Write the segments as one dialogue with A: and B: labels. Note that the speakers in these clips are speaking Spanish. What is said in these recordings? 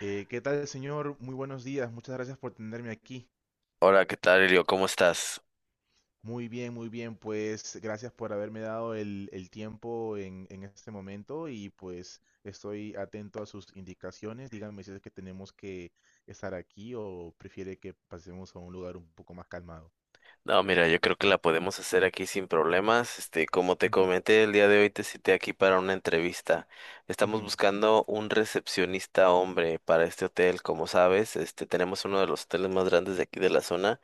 A: ¿Qué tal, señor? Muy buenos días. Muchas gracias por tenerme aquí.
B: Hola, ¿qué tal, Elio? ¿Cómo estás?
A: Muy bien, muy bien. Pues gracias por haberme dado el tiempo en este momento y pues estoy atento a sus indicaciones. Díganme si es que tenemos que estar aquí o prefiere que pasemos a un lugar un poco más calmado.
B: No, mira, yo creo que la podemos hacer aquí sin problemas. Este, como te
A: Ujú,
B: comenté, el día de hoy te cité aquí para una entrevista. Estamos
A: ujú,
B: buscando un recepcionista hombre para este hotel. Como sabes, este, tenemos uno de los hoteles más grandes de aquí de la zona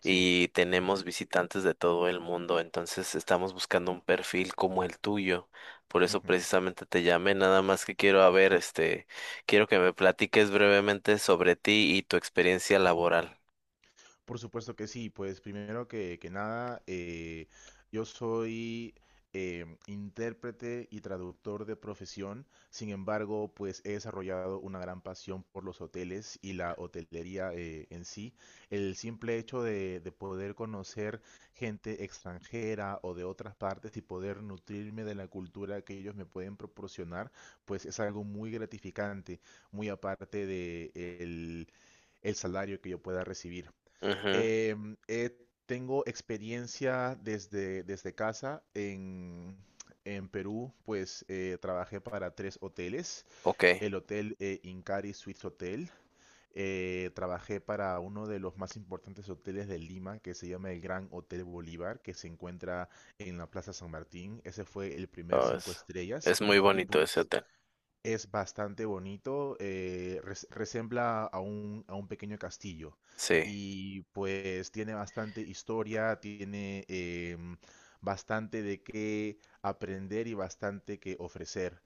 A: sí.
B: y tenemos visitantes de todo el mundo. Entonces, estamos buscando un perfil como el tuyo. Por eso precisamente te llamé, nada más que quiero a ver, este, quiero que me platiques brevemente sobre ti y tu experiencia laboral.
A: Por supuesto que sí, pues primero que nada, yo soy intérprete y traductor de profesión, sin embargo, pues he desarrollado una gran pasión por los hoteles y la hotelería en sí. El simple hecho de poder conocer gente extranjera o de otras partes y poder nutrirme de la cultura que ellos me pueden proporcionar, pues es algo muy gratificante, muy aparte de el salario que yo pueda recibir.
B: Ujú.
A: Em, eh, Tengo experiencia desde casa en Perú, pues trabajé para tres hoteles,
B: Ok,
A: el hotel Incari Suites Hotel, trabajé para uno de los más importantes hoteles de Lima, que se llama el Gran Hotel Bolívar, que se encuentra en la Plaza San Martín. Ese fue el primer
B: oh,
A: cinco estrellas,
B: es muy
A: y
B: bonito ese
A: pues
B: hotel.
A: es bastante bonito. Resembla a a un pequeño castillo
B: Sí,
A: y pues tiene bastante historia. Tiene em, bastante de qué aprender y bastante que ofrecer.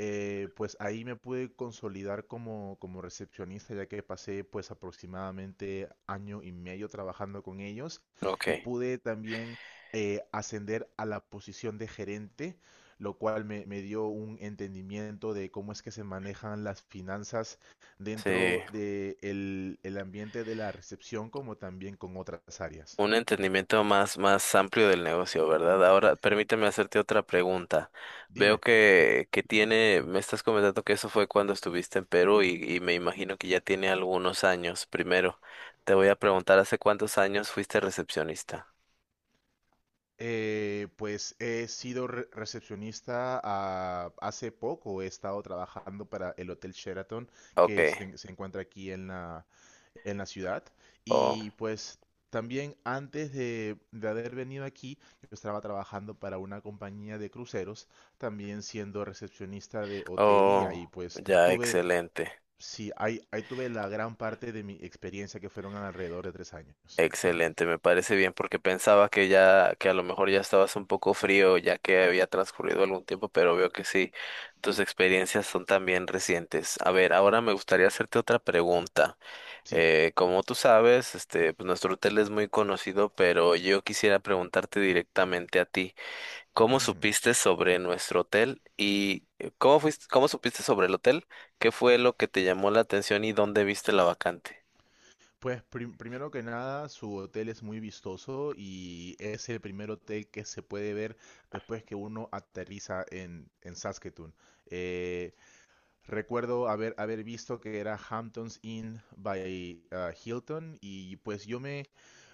A: Pues ahí me pude consolidar como recepcionista ya que pasé pues aproximadamente año y medio trabajando con ellos y
B: ok,
A: pude también ascender a la posición de gerente, lo cual dio un entendimiento de cómo es que se manejan las finanzas
B: sí,
A: dentro de el ambiente de la recepción como también con otras áreas.
B: un entendimiento más, más amplio del negocio, ¿verdad? Ahora, permíteme hacerte otra pregunta. Veo
A: Dime.
B: que tiene, me estás comentando que eso fue cuando estuviste en Perú y me imagino que ya tiene algunos años. Primero, te voy a preguntar, ¿hace cuántos años fuiste recepcionista?
A: Pues he sido re recepcionista hace poco. He estado trabajando para el Hotel Sheraton
B: Ok,
A: se encuentra aquí en la ciudad.
B: oh,
A: Y pues también antes de haber venido aquí, yo estaba trabajando para una compañía de cruceros, también siendo recepcionista de hotel y
B: oh,
A: ahí pues
B: ya,
A: tuve,
B: excelente.
A: sí, ahí tuve la gran parte de mi experiencia que fueron alrededor de 3 años.
B: Excelente, me parece bien porque pensaba que ya, que a lo mejor ya estabas un poco frío ya que había transcurrido algún tiempo, pero veo que sí, tus experiencias son también recientes. A ver, ahora me gustaría hacerte otra pregunta.
A: Sí.
B: Como tú sabes, este, pues nuestro hotel es muy conocido, pero yo quisiera preguntarte directamente a ti, ¿cómo
A: Ujú.
B: supiste sobre nuestro hotel y cómo fuiste, cómo supiste sobre el hotel? ¿Qué fue lo que te llamó la atención y dónde viste la vacante?
A: Primero que nada, su hotel es muy vistoso y es el primer hotel que se puede ver después que uno aterriza en Saskatoon. Eh, Recuerdo haber visto que era Hamptons Inn by Hilton y pues yo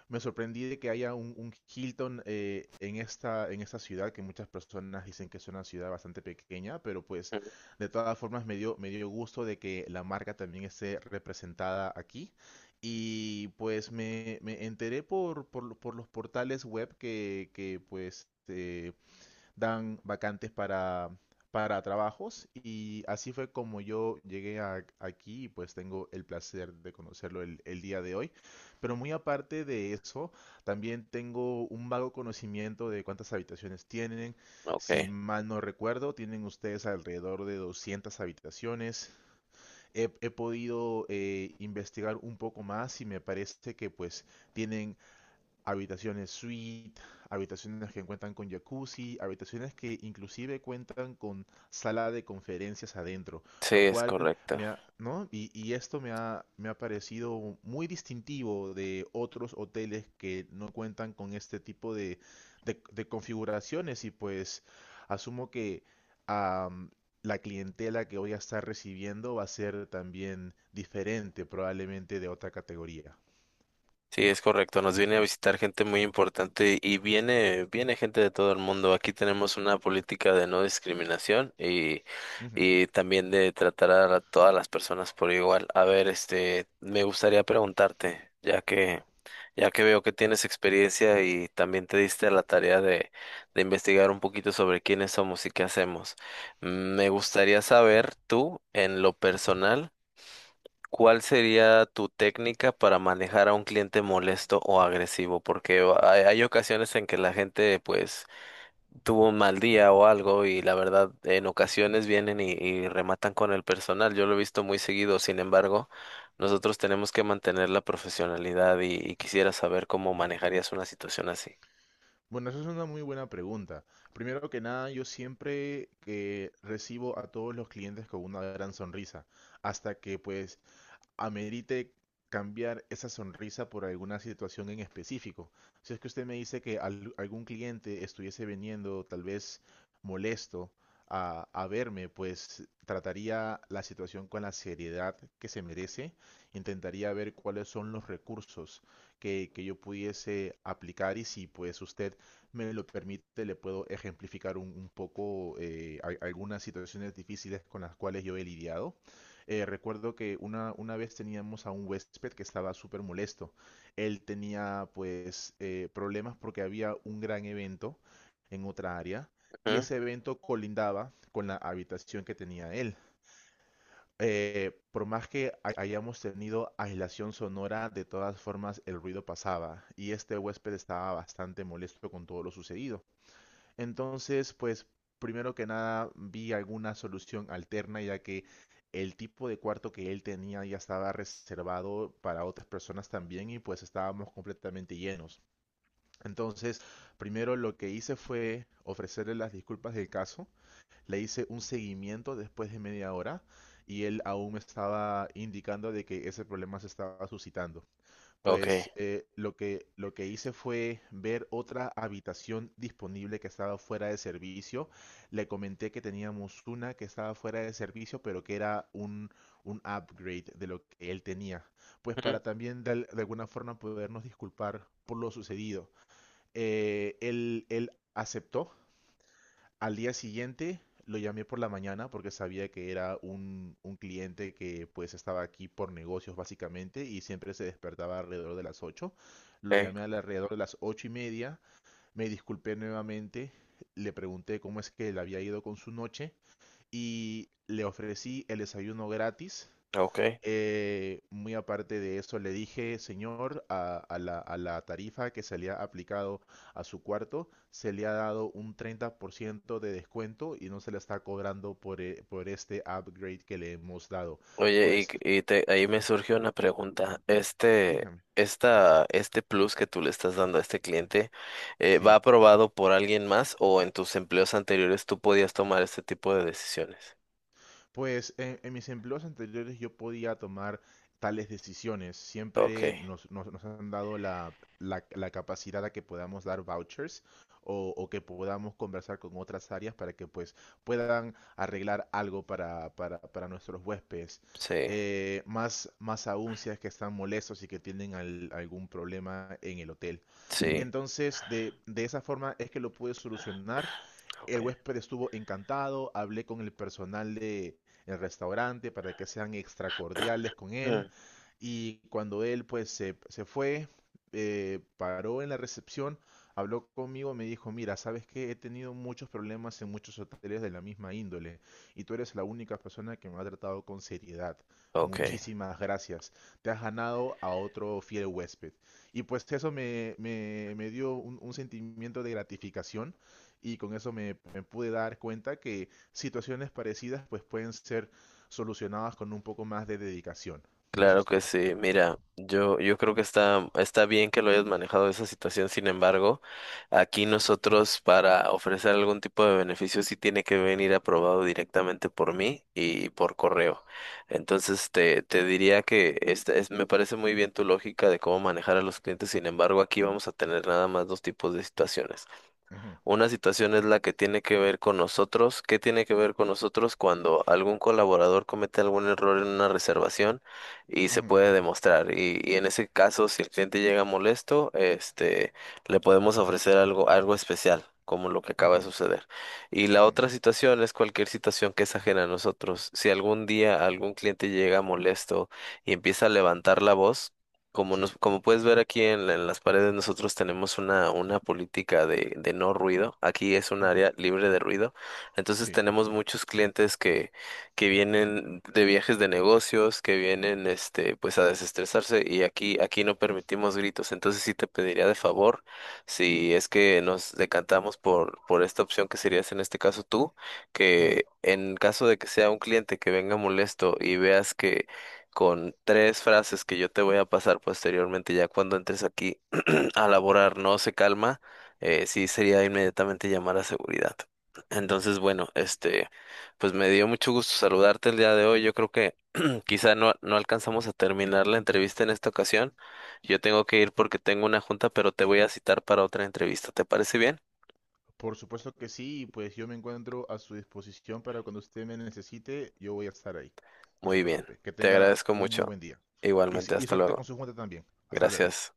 A: me sorprendí de que haya un Hilton en en esta ciudad que muchas personas dicen que es una ciudad bastante pequeña, pero pues
B: Mm.
A: de todas formas me dio gusto de que la marca también esté representada aquí. Y pues me enteré por los portales web que pues dan vacantes para trabajos y así fue como yo llegué aquí y pues tengo el placer de conocerlo el día de hoy. Pero muy aparte de eso, también tengo un vago conocimiento de cuántas habitaciones tienen.
B: Ok,
A: Si mal no recuerdo, tienen ustedes alrededor de 200 habitaciones. He podido investigar un poco más y me parece que pues tienen habitaciones suite, habitaciones que cuentan con jacuzzi, habitaciones que inclusive cuentan con sala de conferencias adentro,
B: sí,
A: lo
B: es
A: cual
B: correcto.
A: me ha, ¿no? Y esto me ha parecido muy distintivo de otros hoteles que no cuentan con este tipo de configuraciones y pues asumo que am, la clientela que voy a estar recibiendo va a ser también diferente probablemente de otra categoría.
B: Sí, es correcto. Nos viene a visitar gente muy importante y viene, viene gente de todo el mundo. Aquí tenemos una política de no discriminación
A: Ujú.
B: y también de tratar a la- todas las personas por igual. A ver, este, me gustaría preguntarte, ya que veo que tienes experiencia y también te diste a la tarea de investigar un poquito sobre quiénes somos y qué hacemos. Mm. Me gustaría saber tú, en lo personal, ¿cuál sería tu técnica para manejar a un cliente molesto o agresivo? Porque hay ocasiones en que la gente pues tuvo un mal día o algo y la verdad en ocasiones vienen y rematan con el personal. Yo lo he visto muy seguido, sin embargo, nosotros tenemos que mantener la profesionalidad y quisiera saber cómo manejarías una situación así.
A: Bueno, eso es una muy buena pregunta. Primero que nada, yo siempre recibo a todos los clientes con una gran sonrisa, hasta que pues amerite cambiar esa sonrisa por alguna situación en específico. Si es que usted me dice que algún cliente estuviese viniendo tal vez molesto a verme, pues trataría la situación con la seriedad que se merece. Intentaría ver cuáles son los recursos que yo pudiese aplicar y si pues usted me lo permite, le puedo ejemplificar un poco algunas situaciones difíciles con las cuales yo he lidiado. Recuerdo que una vez teníamos a un huésped que estaba súper molesto. Él tenía pues problemas porque había un gran evento en otra área y
B: Ujú,
A: ese evento colindaba con la habitación que tenía él. Por más que hayamos tenido aislación sonora, de todas formas el ruido pasaba y este huésped estaba bastante molesto con todo lo sucedido. Entonces, pues primero que nada vi alguna solución alterna, ya que el tipo de cuarto que él tenía ya estaba reservado para otras personas también y pues estábamos completamente llenos. Entonces, primero lo que hice fue ofrecerle las disculpas del caso, le hice un seguimiento después de media hora y él aún me estaba indicando de que ese problema se estaba suscitando.
B: ok.
A: Pues lo lo que hice fue ver otra habitación disponible que estaba fuera de servicio. Le comenté que teníamos una que estaba fuera de servicio, pero que era un upgrade de lo que él tenía. Pues
B: Ujú,
A: para también de alguna forma podernos disculpar por lo sucedido. Él aceptó. Al día siguiente lo llamé por la mañana porque sabía que era un cliente que pues estaba aquí por negocios básicamente y siempre se despertaba alrededor de las 8. Lo
B: ok,
A: llamé al alrededor de las 8:30, me disculpé nuevamente, le pregunté cómo es que le había ido con su noche y le ofrecí el desayuno gratis.
B: ok.
A: Muy aparte de eso, le dije, señor, a la tarifa que se le ha aplicado a su cuarto, se le ha dado un 30% de descuento y no se le está cobrando por este upgrade que le hemos dado.
B: Oye,
A: Pues,
B: y te- ahí me surgió una pregunta. Este,
A: dígame,
B: este plus que tú le estás dando a este cliente, ¿va
A: sí.
B: aprobado por alguien más o en tus empleos anteriores tú podías tomar este tipo de decisiones?
A: Pues en mis empleos anteriores yo podía tomar tales decisiones.
B: Ok,
A: Siempre nos han dado la capacidad a que podamos dar vouchers o que podamos conversar con otras áreas para que pues puedan arreglar algo para nuestros huéspedes.
B: sí,
A: Más más aún si es que están molestos y que tienen algún problema en el hotel.
B: sí,
A: Entonces, de esa forma es que lo pude solucionar.
B: ok.
A: El huésped estuvo encantado, hablé con el personal de el restaurante para que sean extra cordiales con él
B: Mm.
A: y cuando él pues se fue, paró en la recepción, habló conmigo, me dijo, mira, sabes que he tenido muchos problemas en muchos hoteles de la misma índole y tú eres la única persona que me ha tratado con seriedad.
B: Ok.
A: Muchísimas gracias. Te has ganado a otro fiel huésped. Y pues eso me dio un sentimiento de gratificación y con eso me pude dar cuenta que situaciones parecidas pues pueden ser solucionadas con un poco más de dedicación. Eso
B: Claro
A: es
B: que
A: todo.
B: sí, mira, yo creo que está, está bien que lo hayas manejado esa situación, sin embargo, aquí nosotros para ofrecer algún tipo de beneficio sí tiene que venir aprobado directamente por mí y por correo. Entonces te diría que esta es, me parece muy bien tu lógica de cómo manejar a los clientes, sin embargo, aquí vamos a tener nada más dos tipos de situaciones.
A: Ujú,
B: Una situación es la que tiene que ver con nosotros. ¿Qué tiene que ver con nosotros cuando algún colaborador comete algún error en una reservación y se
A: ujú,
B: puede demostrar? Y en ese caso, si el cliente llega molesto, este, le podemos ofrecer algo, algo especial, como lo que acaba de
A: ujú,
B: suceder. Y la
A: ujú.
B: otra situación es cualquier situación que es ajena a nosotros. Si algún día algún cliente llega molesto y empieza a levantar la voz, como
A: Sí,
B: nos, como puedes ver aquí en, la- en las paredes, nosotros tenemos una política de no ruido. Aquí es un
A: ujú,
B: área libre de ruido. Entonces
A: sí.
B: tenemos muchos clientes que vienen de viajes de negocios, que vienen este, pues a desestresarse, y aquí, aquí no permitimos gritos. Entonces sí te pediría de favor, si es que nos decantamos por esta opción que serías en este caso tú,
A: Ujú.
B: que en caso de que sea un cliente que venga molesto y veas que con 3 frases que yo te voy a pasar posteriormente, ya cuando entres aquí a laborar, no se calma, sí sería inmediatamente llamar a seguridad. Entonces, bueno, este, pues me dio mucho gusto saludarte el día de hoy. Yo creo que quizá no, no alcanzamos a terminar la entrevista en esta ocasión. Yo tengo que ir porque tengo una junta, pero te voy a citar para otra entrevista. ¿Te parece bien?
A: Por supuesto que sí, y pues yo me encuentro a su disposición para cuando usted me necesite, yo voy a estar ahí. No se
B: Muy bien.
A: preocupe. Que
B: Te
A: tenga
B: agradezco
A: un muy
B: mucho.
A: buen día.
B: Igualmente,
A: Y
B: hasta
A: suerte con
B: luego.
A: su junta también. Hasta luego.
B: Gracias.